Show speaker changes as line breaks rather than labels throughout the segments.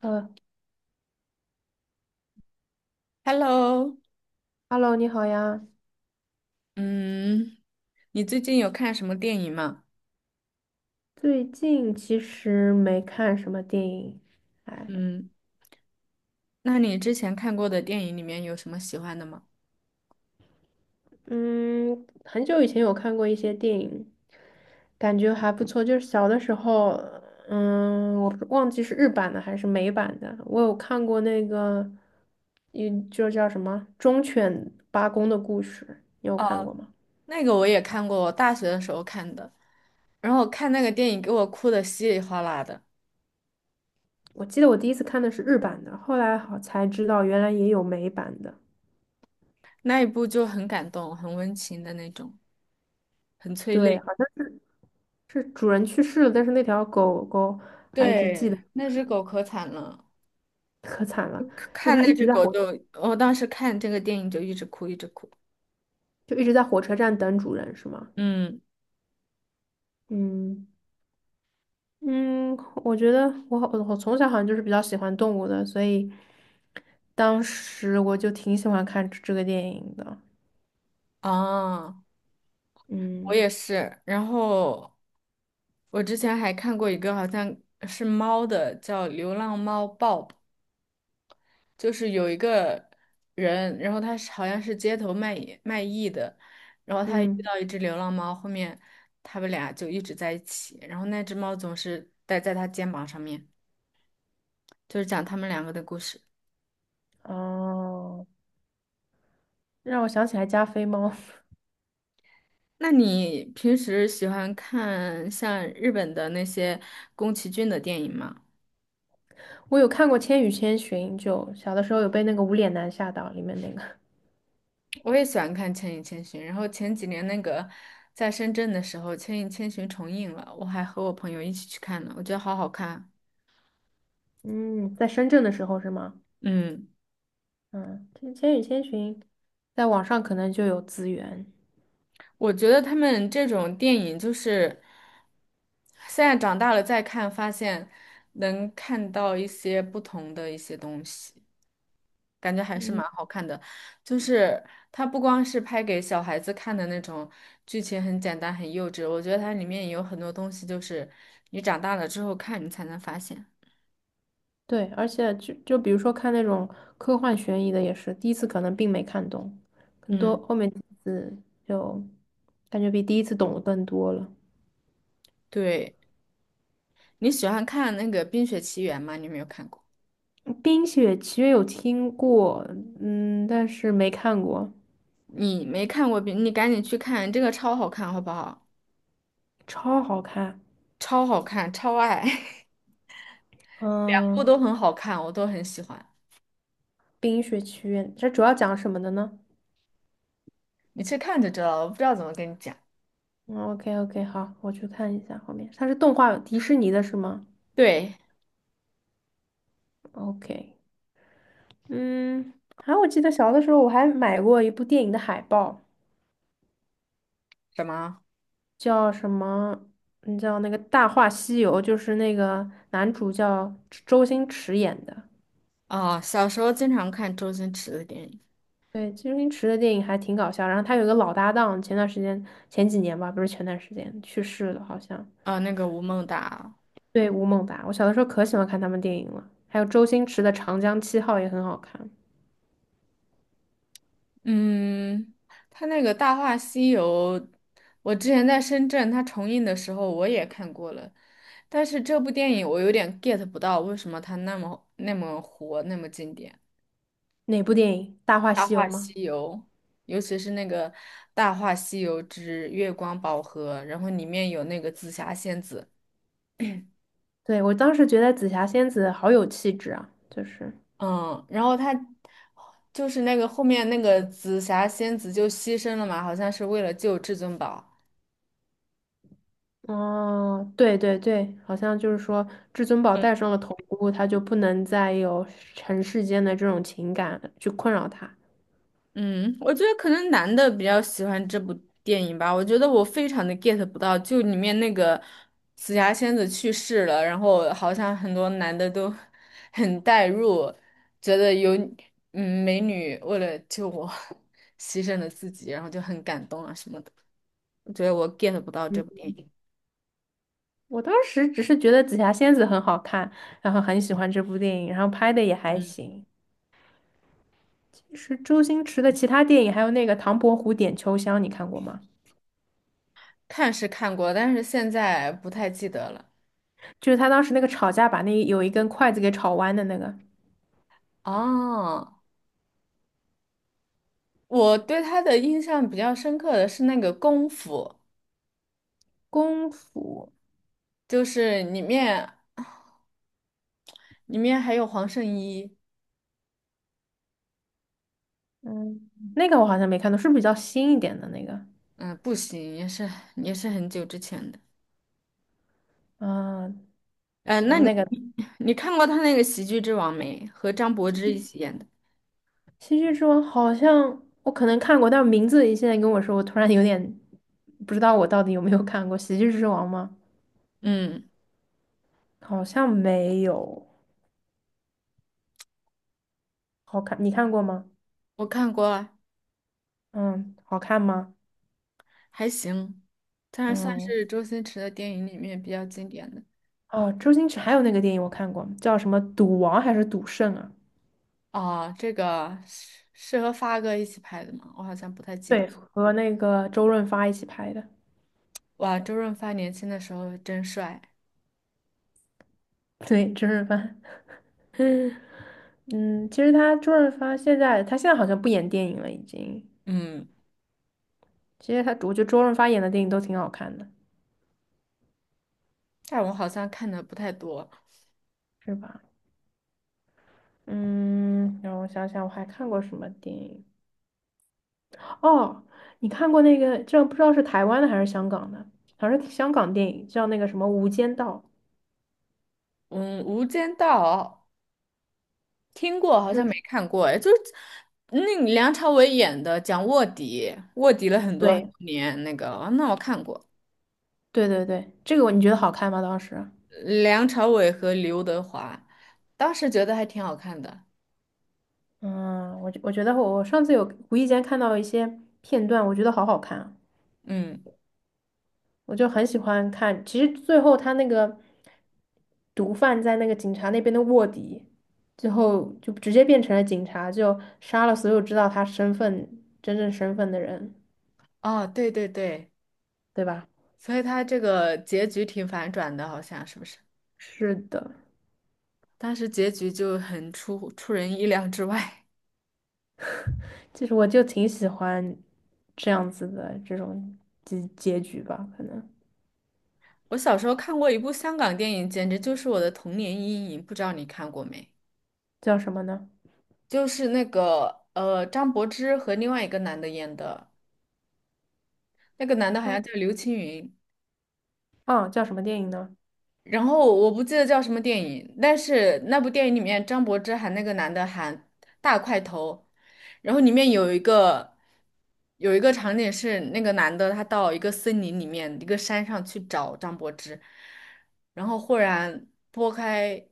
呃
Hello，
，Hello,你好呀。
嗯，你最近有看什么电影吗？
最近其实没看什么电影，哎，
嗯，那你之前看过的电影里面有什么喜欢的吗？
嗯，很久以前有看过一些电影，感觉还不错。就是小的时候，我不忘记是日版的还是美版的，我有看过那个，就叫什么《忠犬八公的故事》，你有看过
哦，
吗？
那个我也看过，我大学的时候看的，然后我看那个电影给我哭的稀里哗啦的，
我记得我第一次看的是日版的，后来好才知道原来也有美版的。
那一部就很感动，很温情的那种，很催
对，
泪。
好像是主人去世了，但是那条狗狗还一直记得。
对，那只狗可惨了，
可惨了，就
看
他
那
一
只
直在
狗
火，
就，我当时看这个电影就一直哭，一直哭。
就一直在火车站等主人，是吗？
嗯，
嗯嗯，我觉得我好，我从小好像就是比较喜欢动物的，所以当时我就挺喜欢看这个电影的。
啊，我也
嗯
是。然后我之前还看过一个好像是猫的，叫流浪猫 Bob，就是有一个人，然后他是好像是街头卖艺的，然后他遇
嗯，
到一只流浪猫，后面他们俩就一直在一起，然后那只猫总是待在他肩膀上面，就是讲他们两个的故事。
哦，让我想起来加菲猫。
那你平时喜欢看像日本的那些宫崎骏的电影吗？
我有看过《千与千寻》，就小的时候有被那个无脸男吓到，里面那个，
我也喜欢看《千与千寻》，然后前几年那个在深圳的时候，《千与千寻》重映了，我还和我朋友一起去看了，我觉得好好看。
嗯，在深圳的时候是吗？
嗯，
嗯，这《千与千寻》在网上可能就有资源。
我觉得他们这种电影就是现在长大了再看，发现能看到一些不同的一些东西，感觉还是蛮
嗯。
好看的。就是它不光是拍给小孩子看的那种，剧情很简单很幼稚，我觉得它里面也有很多东西，就是你长大了之后看你才能发现。
对，而且就比如说看那种科幻悬疑的，也是第一次可能并没看懂，很多
嗯，
后面几次就感觉比第一次懂得更多了。
对，你喜欢看那个《冰雪奇缘》吗？你有没有看过？
嗯《冰雪奇缘》有听过，嗯，但是没看过，
你没看过冰，你赶紧去看，这个超好看，好不好？
超好看。
超好看，超爱，两部都
嗯，
很好看，我都很喜欢。
《冰雪奇缘》这主要讲什么的呢？
你去看就知道了，我不知道怎么跟你讲。
嗯，OK OK,好，我去看一下后面。它是动画，迪士尼的是吗
对，
？OK,嗯，我记得小的时候我还买过一部电影的海报。
什么？
叫什么？你叫那个《大话西游》，就是那个男主叫周星驰演的。
啊？小时候经常看周星驰的电影，
对，周星驰的电影还挺搞笑。然后他有一个老搭档，前段时间前几年吧，不是前段时间去世了，好像。
啊、那个《吴孟达》
对，吴孟达，我小的时候可喜欢看他们电影了。还有周星驰的《长江七号》也很好看。
嗯，他那个《大话西游》，我之前在深圳他重映的时候我也看过了，但是这部电影我有点 get 不到为什么他那么那么火，那么经典。
哪部电影？《大话
《大
西游》
话
吗？
西游》，尤其是那个《大话西游之月光宝盒》，然后里面有那个紫霞仙子，
对，我当时觉得紫霞仙子好有气质啊，就是。
嗯，然后他就是那个后面那个紫霞仙子就牺牲了嘛，好像是为了救至尊宝。
哦，对对对，好像就是说，至尊宝戴上了头箍，他就不能再有尘世间的这种情感去困扰他。
嗯，我觉得可能男的比较喜欢这部电影吧。我觉得我非常的 get 不到，就里面那个紫霞仙子去世了，然后好像很多男的都 很代入，觉得有美女为了救我 牺牲了自己，然后就很感动啊什么的。我觉得我 get 不到
嗯，
这部电影。
我当时只是觉得紫霞仙子很好看，然后很喜欢这部电影，然后拍的也还
嗯，
行。其实周星驰的其他电影，还有那个《唐伯虎点秋香》，你看过吗？
看是看过，但是现在不太记得了。
就是他当时那个吵架，把那有一根筷子给吵弯的那个
哦，我对他的印象比较深刻的是那个功夫。
功夫，
就是里面还有黄圣依，
嗯，那个我好像没看到，是不是比较新一点的那个？
嗯、不行，也是很久之前的。
嗯，
嗯，那你
那个。
你看过他那个《喜剧之王》没？和张柏芝一起演的。
喜剧之王好像我可能看过，但名字现在跟我说，我突然有点不知道我到底有没有看过《喜剧之王》吗？
嗯，
好像没有。好看，你看过吗？
我看过啊
嗯，好看吗？
还行，但是算
嗯，
是周星驰的电影里面比较经典的。
哦，周星驰还有那个电影我看过，叫什么《赌王》还是《赌圣》啊？
哦，这个是和发哥一起拍的吗？我好像不太记得。
对，和那个周润发一起拍的。
哇，周润发年轻的时候真帅。
对，周润发。嗯，其实他周润发现在他现在好像不演电影了，已经。
嗯，
其实他，我觉得周润发演的电影都挺好看的，
但我好像看的不太多。
是吧？嗯，让我想想，我还看过什么电影？哦，你看过那个，这不知道是台湾的还是香港的，好像是香港电影，叫那个什么《无间道》。
嗯，《无间道》听过，好
就
像没
是
看过，哎，就是那个梁朝伟演的，讲卧底，卧底了很多很多
对
年，那个，哦那我看过，
对对对，这个你觉得好看吗？当时？
梁朝伟和刘德华，当时觉得还挺好看的，
嗯，我觉得我上次有无意间看到一些片段，我觉得好好看啊。
嗯，
我就很喜欢看。其实最后他那个毒贩在那个警察那边的卧底，最后就直接变成了警察，就杀了所有知道他真正身份的人，
哦，对对对，
对吧？
所以他这个结局挺反转的，好像是不是？
是的，
当时结局就很出人意料之外。
其实我就挺喜欢这样子的这种结局吧，可能
我小时候看过一部香港电影，简直就是我的童年阴影，不知道你看过没？
叫什么呢？
就是那个张柏芝和另外一个男的演的。那个男的好
张
像叫刘青云，
啊，叫什么电影呢？
然后我不记得叫什么电影，但是那部电影里面张柏芝喊那个男的喊大块头，然后里面有一个场景是那个男的他到一个森林里面一个山上去找张柏芝，然后忽然拨开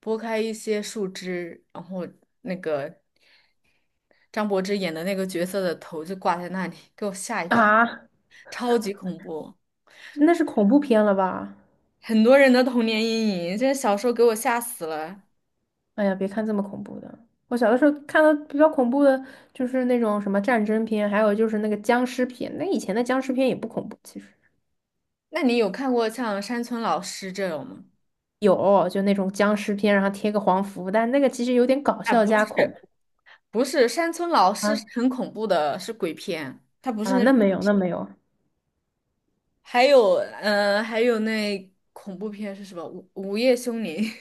拨开一些树枝，然后那个张柏芝演的那个角色的头就挂在那里，给我吓一跳，
啊，
超级恐怖。
那是恐怖片了吧？
很多人的童年阴影，这小时候给我吓死了。
哎呀，别看这么恐怖的。我小的时候看的比较恐怖的，就是那种什么战争片，还有就是那个僵尸片。那以前的僵尸片也不恐怖，其实
那你有看过像山村老师这种吗？
有就那种僵尸片，然后贴个黄符，但那个其实有点搞
啊，
笑
不
加恐
是，
怖
不是，山村老师是
啊
很恐怖的，是鬼片，它不是
啊，
那。
那没有，
还有，还有那恐怖片是什么？午夜凶铃。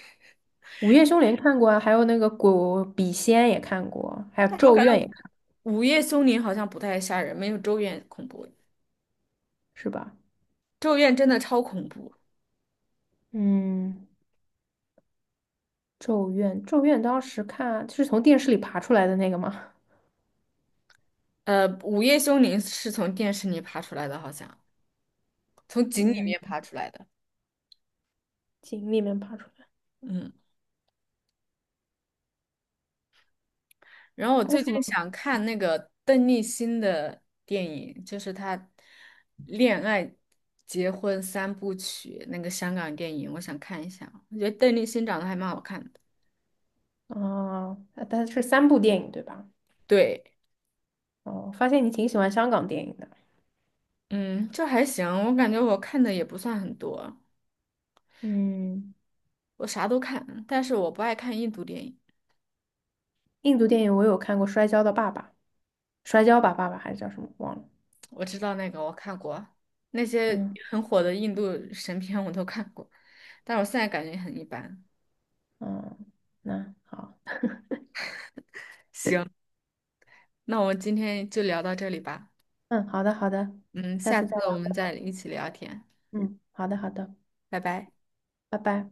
《午夜凶铃》看过啊，还有那个鬼笔仙也看过，还有
但我
《咒
感
怨》也
觉
看，
午夜凶铃好像不太吓人，没有咒怨恐怖。
是吧？
咒怨真的超恐怖。
嗯，《咒怨》当时看就是从电视里爬出来的那个嘛，
午夜凶铃是从电视里爬出来的，好像从井里
嗯，
面爬出来的。
井里面爬出来，
嗯。然后我
还有
最
什么？
近想看那个邓丽欣的电影，就是她恋爱、结婚3部曲那个香港电影，我想看一下。我觉得邓丽欣长得还蛮好看的。
哦，啊但是三部电影对吧？
对，
哦，发现你挺喜欢香港电影的。
嗯，就还行。我感觉我看的也不算很多，
嗯，
我啥都看，但是我不爱看印度电影。
印度电影我有看过《摔跤的爸爸》，摔跤吧爸爸还是叫什么忘了。
我知道那个我看过，那些
嗯
很火的印度神片我都看过，但我现在感觉很一般。
嗯，那好，
行，那我们今天就聊到这里吧。
嗯，好的好的，
嗯，
下
下
次再
次我
聊
们
吧。
再一起聊天，
嗯，好的好的，
拜拜。
拜拜。